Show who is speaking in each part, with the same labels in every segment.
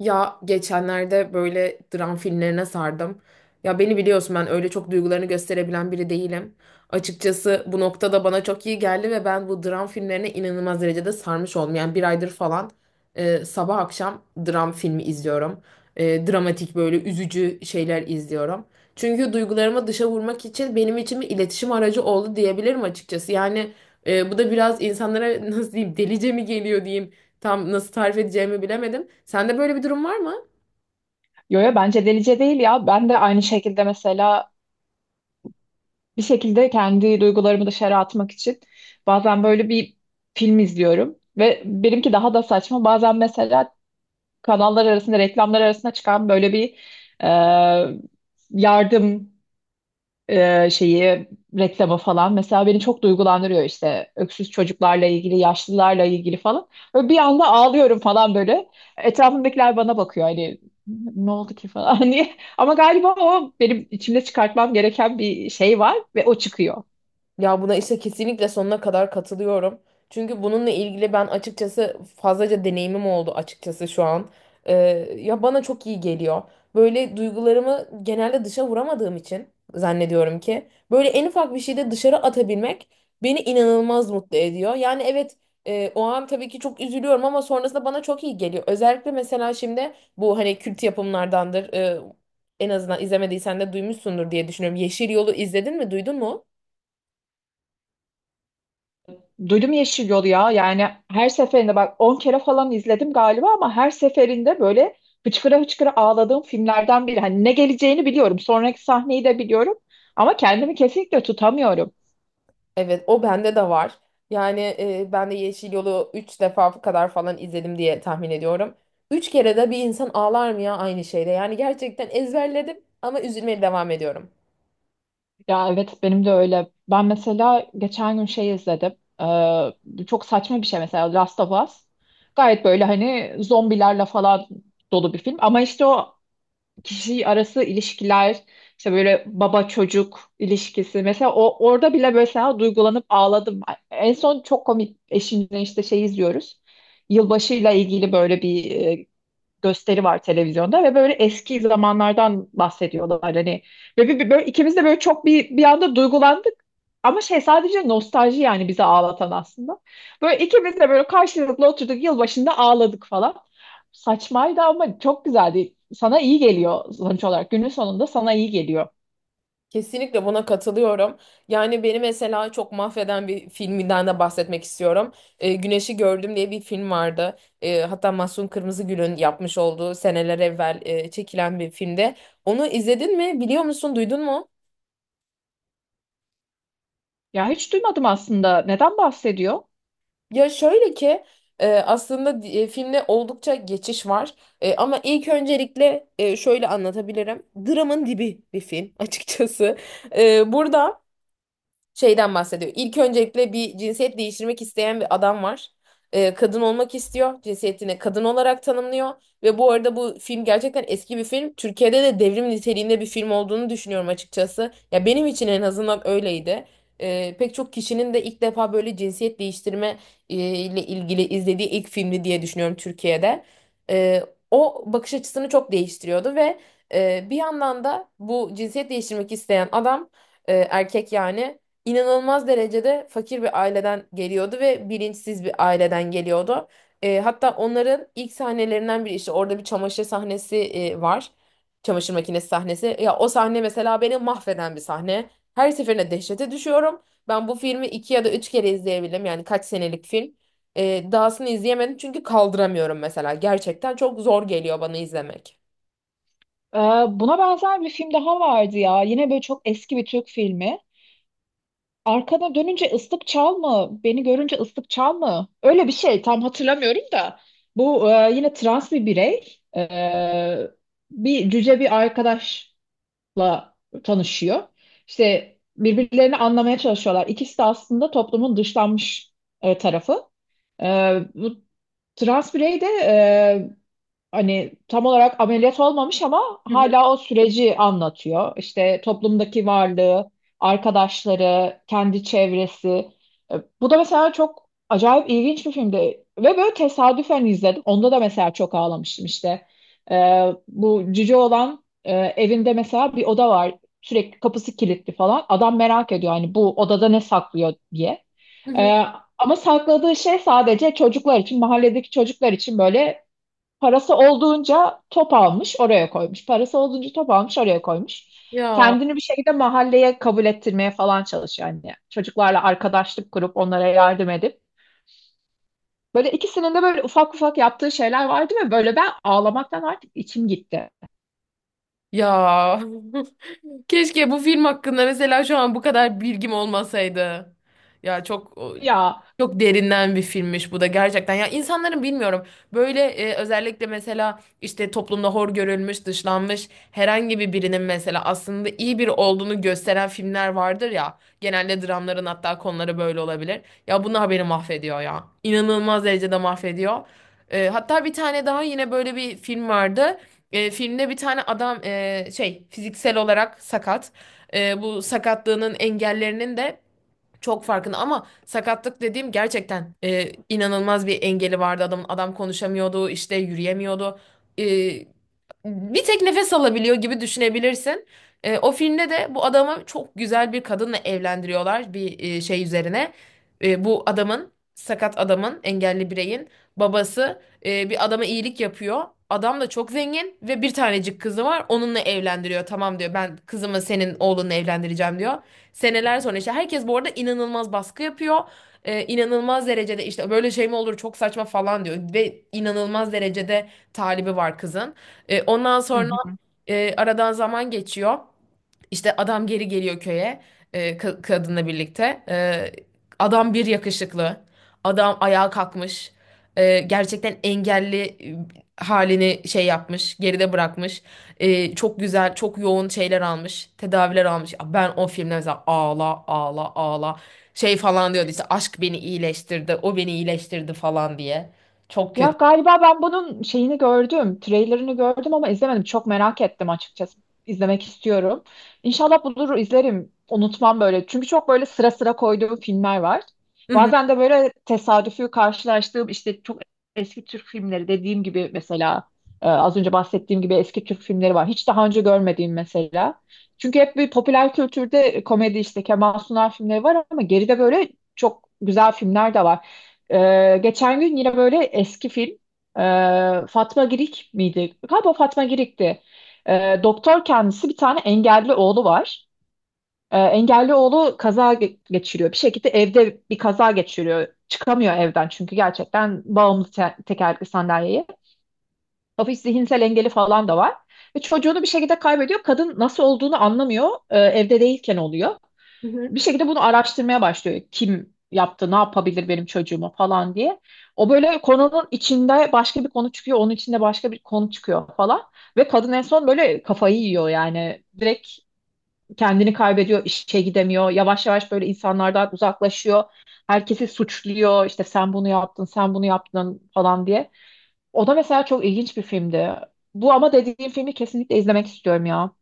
Speaker 1: Ya geçenlerde böyle dram filmlerine sardım. Ya beni biliyorsun, ben öyle çok duygularını gösterebilen biri değilim. Açıkçası bu noktada bana çok iyi geldi ve ben bu dram filmlerine inanılmaz derecede sarmış oldum. Yani bir aydır falan sabah akşam dram filmi izliyorum. Dramatik böyle üzücü şeyler izliyorum. Çünkü duygularımı dışa vurmak için benim için bir iletişim aracı oldu diyebilirim açıkçası. Yani bu da biraz insanlara nasıl diyeyim, delice mi geliyor diyeyim. Tam nasıl tarif edeceğimi bilemedim. Sende böyle bir durum var mı?
Speaker 2: Yo, yo, bence delice değil ya. Ben de aynı şekilde mesela bir şekilde kendi duygularımı dışarı atmak için bazen böyle bir film izliyorum ve benimki daha da saçma. Bazen mesela kanallar arasında reklamlar arasında çıkan böyle bir e, yardım şeyi reklama falan mesela beni çok duygulandırıyor işte öksüz çocuklarla ilgili yaşlılarla ilgili falan böyle bir anda ağlıyorum falan böyle etrafımdakiler bana bakıyor hani ne oldu ki falan hani ama galiba o benim içimde çıkartmam gereken bir şey var ve o çıkıyor.
Speaker 1: Ya, buna işte kesinlikle sonuna kadar katılıyorum. Çünkü bununla ilgili ben açıkçası fazlaca deneyimim oldu açıkçası şu an. Ee, Ya bana çok iyi geliyor. Böyle duygularımı genelde dışa vuramadığım için zannediyorum ki böyle en ufak bir şeyde dışarı atabilmek beni inanılmaz mutlu ediyor. Yani evet, o an tabii ki çok üzülüyorum ama sonrasında bana çok iyi geliyor. Özellikle mesela şimdi bu hani kült yapımlardandır. En azından izlemediysen de duymuşsundur diye düşünüyorum. Yeşil Yol'u izledin mi, duydun mu?
Speaker 2: Duydum Yeşil Yolu ya. Yani her seferinde bak 10 kere falan izledim galiba, ama her seferinde böyle hıçkıra hıçkıra ağladığım filmlerden biri. Hani ne geleceğini biliyorum. Sonraki sahneyi de biliyorum. Ama kendimi kesinlikle tutamıyorum.
Speaker 1: Evet, o bende de var. Yani ben de Yeşil Yol'u üç defa kadar falan izledim diye tahmin ediyorum. Üç kere de bir insan ağlar mı ya aynı şeyde? Yani gerçekten ezberledim ama üzülmeye devam ediyorum.
Speaker 2: Ya evet, benim de öyle. Ben mesela geçen gün şey izledim. Çok saçma bir şey mesela Last of Us. Gayet böyle hani zombilerle falan dolu bir film. Ama işte o kişi arası ilişkiler, işte böyle baba çocuk ilişkisi mesela, o orada bile mesela duygulanıp ağladım. En son çok komik, eşimle işte şey izliyoruz. Yılbaşıyla ilgili böyle bir gösteri var televizyonda ve böyle eski zamanlardan bahsediyorlar hani, ve böyle ikimiz de böyle çok bir anda duygulandık, ama şey, sadece nostalji yani bizi ağlatan aslında. Böyle ikimiz de böyle karşılıklı oturduk yılbaşında, ağladık falan. Saçmaydı ama çok güzeldi. Sana iyi geliyor sonuç olarak. Günün sonunda sana iyi geliyor.
Speaker 1: Kesinlikle buna katılıyorum. Yani beni mesela çok mahveden bir filminden de bahsetmek istiyorum. Güneşi Gördüm diye bir film vardı. E, hatta Mahsun Kırmızıgül'ün yapmış olduğu seneler evvel çekilen bir filmde. Onu izledin mi? Biliyor musun? Duydun mu?
Speaker 2: Ya hiç duymadım aslında. Neden bahsediyor?
Speaker 1: Ya şöyle ki, filmde oldukça geçiş var. Ama ilk öncelikle şöyle anlatabilirim. Dramın dibi bir film açıkçası. E, burada. Şeyden bahsediyor. İlk öncelikle bir cinsiyet değiştirmek isteyen bir adam var. Kadın olmak istiyor. Cinsiyetini kadın olarak tanımlıyor. Ve bu arada bu film gerçekten eski bir film. Türkiye'de de devrim niteliğinde bir film olduğunu düşünüyorum açıkçası. Ya benim için en azından öyleydi. Pek çok kişinin de ilk defa böyle cinsiyet değiştirme ile ilgili izlediği ilk filmi diye düşünüyorum Türkiye'de. Ee, O bakış açısını çok değiştiriyordu ve bir yandan da bu cinsiyet değiştirmek isteyen adam, erkek yani, inanılmaz derecede fakir bir aileden geliyordu ve bilinçsiz bir aileden geliyordu. Hatta onların ilk sahnelerinden biri işte orada bir çamaşır sahnesi var. Çamaşır makinesi sahnesi. Ya o sahne mesela beni mahveden bir sahne. Her seferinde dehşete düşüyorum. Ben bu filmi iki ya da üç kere izleyebildim. Yani kaç senelik film. Dahasını izleyemedim çünkü kaldıramıyorum mesela. Gerçekten çok zor geliyor bana izlemek.
Speaker 2: Ee, Buna benzer bir film daha vardı ya. Yine böyle çok eski bir Türk filmi. Arkana dönünce ıslık çal mı? Beni görünce ıslık çal mı? Öyle bir şey, tam hatırlamıyorum da. Bu yine trans bir birey. Bir cüce bir arkadaşla tanışıyor. İşte birbirlerini anlamaya çalışıyorlar. İkisi de aslında toplumun dışlanmış tarafı. E, Bu trans birey de hani tam olarak ameliyat olmamış ama
Speaker 1: Hı hı.
Speaker 2: hala o süreci anlatıyor. İşte toplumdaki varlığı, arkadaşları, kendi çevresi. E, Bu da mesela çok acayip ilginç bir filmdi. Ve böyle tesadüfen izledim. Onda da mesela çok ağlamıştım işte. E, Bu cüce olan evinde mesela bir oda var. Sürekli kapısı kilitli falan. Adam merak ediyor hani bu odada ne saklıyor diye.
Speaker 1: Hı hı.
Speaker 2: E, Ama sakladığı şey sadece çocuklar için, mahalledeki çocuklar için, böyle parası olduğunca top almış, oraya koymuş. Parası olduğunca top almış, oraya koymuş.
Speaker 1: Ya.
Speaker 2: Kendini bir şekilde mahalleye kabul ettirmeye falan çalışıyor anne. Çocuklarla arkadaşlık kurup onlara yardım edip. Böyle ikisinin de böyle ufak ufak yaptığı şeyler vardı ve böyle ben ağlamaktan artık içim gitti.
Speaker 1: Ya. Keşke bu film hakkında mesela şu an bu kadar bilgim olmasaydı. Ya çok
Speaker 2: Ya.
Speaker 1: çok derinden bir filmmiş bu da gerçekten. Ya insanların bilmiyorum, böyle özellikle mesela işte toplumda hor görülmüş, dışlanmış herhangi bir birinin mesela aslında iyi biri olduğunu gösteren filmler vardır ya. Genelde dramların hatta konuları böyle olabilir. Ya bunlar beni mahvediyor ya. İnanılmaz derecede mahvediyor. Hatta bir tane daha yine böyle bir film vardı. Filmde bir tane adam şey, fiziksel olarak sakat. Bu sakatlığının engellerinin de çok farkında ama sakatlık dediğim gerçekten inanılmaz bir engeli vardı adamın. Adam konuşamıyordu, işte yürüyemiyordu. E, Bir tek nefes alabiliyor gibi düşünebilirsin. O filmde de bu adamı çok güzel bir kadınla evlendiriyorlar bir şey üzerine. Bu adamın, sakat adamın, engelli bireyin babası bir adama iyilik yapıyor. Adam da çok zengin ve bir tanecik kızı var. Onunla evlendiriyor. Tamam diyor, ben kızımı senin oğlunla evlendireceğim diyor. Seneler sonra işte herkes bu arada inanılmaz baskı yapıyor. İnanılmaz derecede işte böyle şey mi olur, çok saçma falan diyor. Ve inanılmaz derecede talibi var kızın. Ondan sonra
Speaker 2: Hı.
Speaker 1: aradan zaman geçiyor. İşte adam geri geliyor köye, kadınla birlikte. Adam bir yakışıklı. Adam ayağa kalkmış. Gerçekten engelli halini şey yapmış, geride bırakmış. Çok güzel, çok yoğun şeyler almış, tedaviler almış. Ya ben o filmde mesela ağla, ağla, ağla, şey falan diyordu işte, aşk beni iyileştirdi, o beni iyileştirdi falan diye. Çok
Speaker 2: Ya
Speaker 1: kötü.
Speaker 2: galiba ben bunun şeyini gördüm, trailerını gördüm ama izlemedim. Çok merak ettim açıkçası. İzlemek istiyorum. İnşallah bulur izlerim. Unutmam böyle. Çünkü çok böyle sıra sıra koyduğum filmler var.
Speaker 1: Hı
Speaker 2: Bazen de böyle tesadüfi karşılaştığım işte çok eski Türk filmleri, dediğim gibi mesela az önce bahsettiğim gibi eski Türk filmleri var. Hiç daha önce görmediğim mesela. Çünkü hep bir popüler kültürde komedi işte Kemal Sunal filmleri var, ama geride böyle çok güzel filmler de var. Geçen gün yine böyle eski film, Fatma Girik miydi? Galiba Fatma Girik'ti. Doktor kendisi, bir tane engelli oğlu var. Engelli oğlu kaza geçiriyor. Bir şekilde evde bir kaza geçiriyor. Çıkamıyor evden çünkü gerçekten bağımlı tekerlekli sandalyeye. Hafif zihinsel engeli falan da var. Ve çocuğunu bir şekilde kaybediyor. Kadın nasıl olduğunu anlamıyor. Evde değilken oluyor,
Speaker 1: hı.
Speaker 2: bir şekilde bunu araştırmaya başlıyor. Kim yaptı, ne yapabilir benim çocuğuma falan diye. O böyle konunun içinde başka bir konu çıkıyor, onun içinde başka bir konu çıkıyor falan. Ve kadın en son böyle kafayı yiyor yani. Direkt kendini kaybediyor, işe gidemiyor. Yavaş yavaş böyle insanlardan uzaklaşıyor. Herkesi suçluyor. İşte sen bunu yaptın, sen bunu yaptın falan diye. O da mesela çok ilginç bir filmdi. Bu, ama dediğim filmi kesinlikle izlemek istiyorum ya.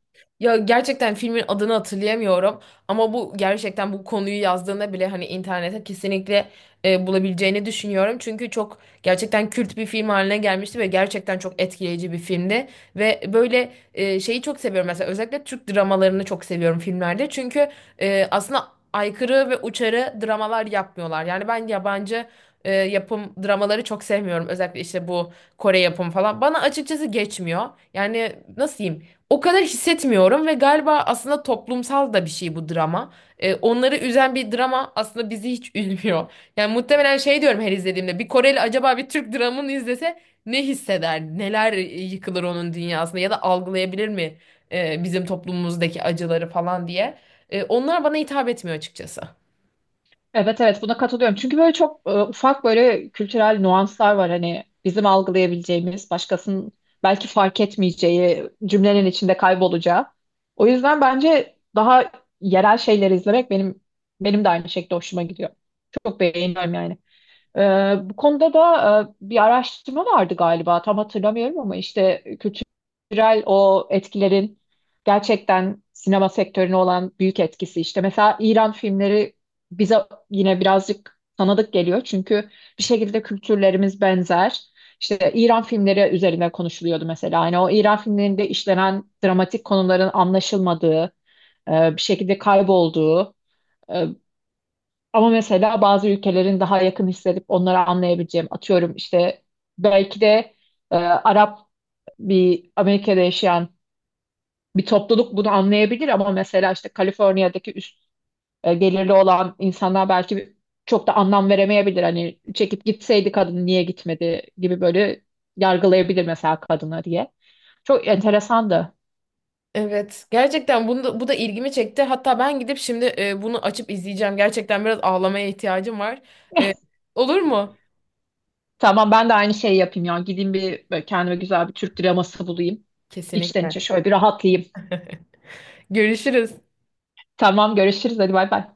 Speaker 1: Ya gerçekten filmin adını hatırlayamıyorum ama bu gerçekten, bu konuyu yazdığında bile hani internete kesinlikle bulabileceğini düşünüyorum. Çünkü çok, gerçekten kült bir film haline gelmişti ve gerçekten çok etkileyici bir filmdi. Ve böyle şeyi çok seviyorum mesela, özellikle Türk dramalarını çok seviyorum filmlerde. Çünkü aslında aykırı ve uçarı dramalar yapmıyorlar. Yani ben yabancı yapım dramaları çok sevmiyorum. Özellikle işte bu Kore yapımı falan. Bana açıkçası geçmiyor. Yani nasıl diyeyim? O kadar hissetmiyorum ve galiba aslında toplumsal da bir şey bu drama. Onları üzen bir drama aslında bizi hiç üzmüyor. Yani muhtemelen şey diyorum her izlediğimde, bir Koreli acaba bir Türk dramını izlese ne hisseder? Neler yıkılır onun dünyasında ya da algılayabilir mi bizim toplumumuzdaki acıları falan diye. Onlar bana hitap etmiyor açıkçası.
Speaker 2: Evet, evet, buna katılıyorum. Çünkü böyle çok ufak böyle kültürel nüanslar var hani, bizim algılayabileceğimiz, başkasının belki fark etmeyeceği, cümlenin içinde kaybolacağı. O yüzden bence daha yerel şeyleri izlemek benim de aynı şekilde hoşuma gidiyor. Çok beğeniyorum yani. Ee, Bu konuda da bir araştırma vardı galiba, tam hatırlamıyorum, ama işte kültürel o etkilerin gerçekten sinema sektörüne olan büyük etkisi, işte mesela İran filmleri bize yine birazcık tanıdık geliyor çünkü bir şekilde kültürlerimiz benzer. İşte İran filmleri üzerine konuşuluyordu mesela. Hani o İran filmlerinde işlenen dramatik konuların anlaşılmadığı, bir şekilde kaybolduğu, ama mesela bazı ülkelerin daha yakın hissedip onları anlayabileceğim. Atıyorum işte, belki de Arap bir Amerika'da yaşayan bir topluluk bunu anlayabilir, ama mesela işte Kaliforniya'daki üst gelirli olan insanlar belki çok da anlam veremeyebilir. Hani çekip gitseydi, kadın niye gitmedi gibi böyle yargılayabilir mesela kadını diye. Çok enteresandı.
Speaker 1: Evet, gerçekten bunu da, bu da ilgimi çekti. Hatta ben gidip şimdi bunu açıp izleyeceğim. Gerçekten biraz ağlamaya ihtiyacım var. E, olur mu?
Speaker 2: Tamam, ben de aynı şeyi yapayım ya. Gideyim, bir böyle kendime güzel bir Türk draması bulayım. İçten
Speaker 1: Kesinlikle.
Speaker 2: içe şöyle bir rahatlayayım.
Speaker 1: Görüşürüz.
Speaker 2: Tamam görüşürüz, hadi bay bay.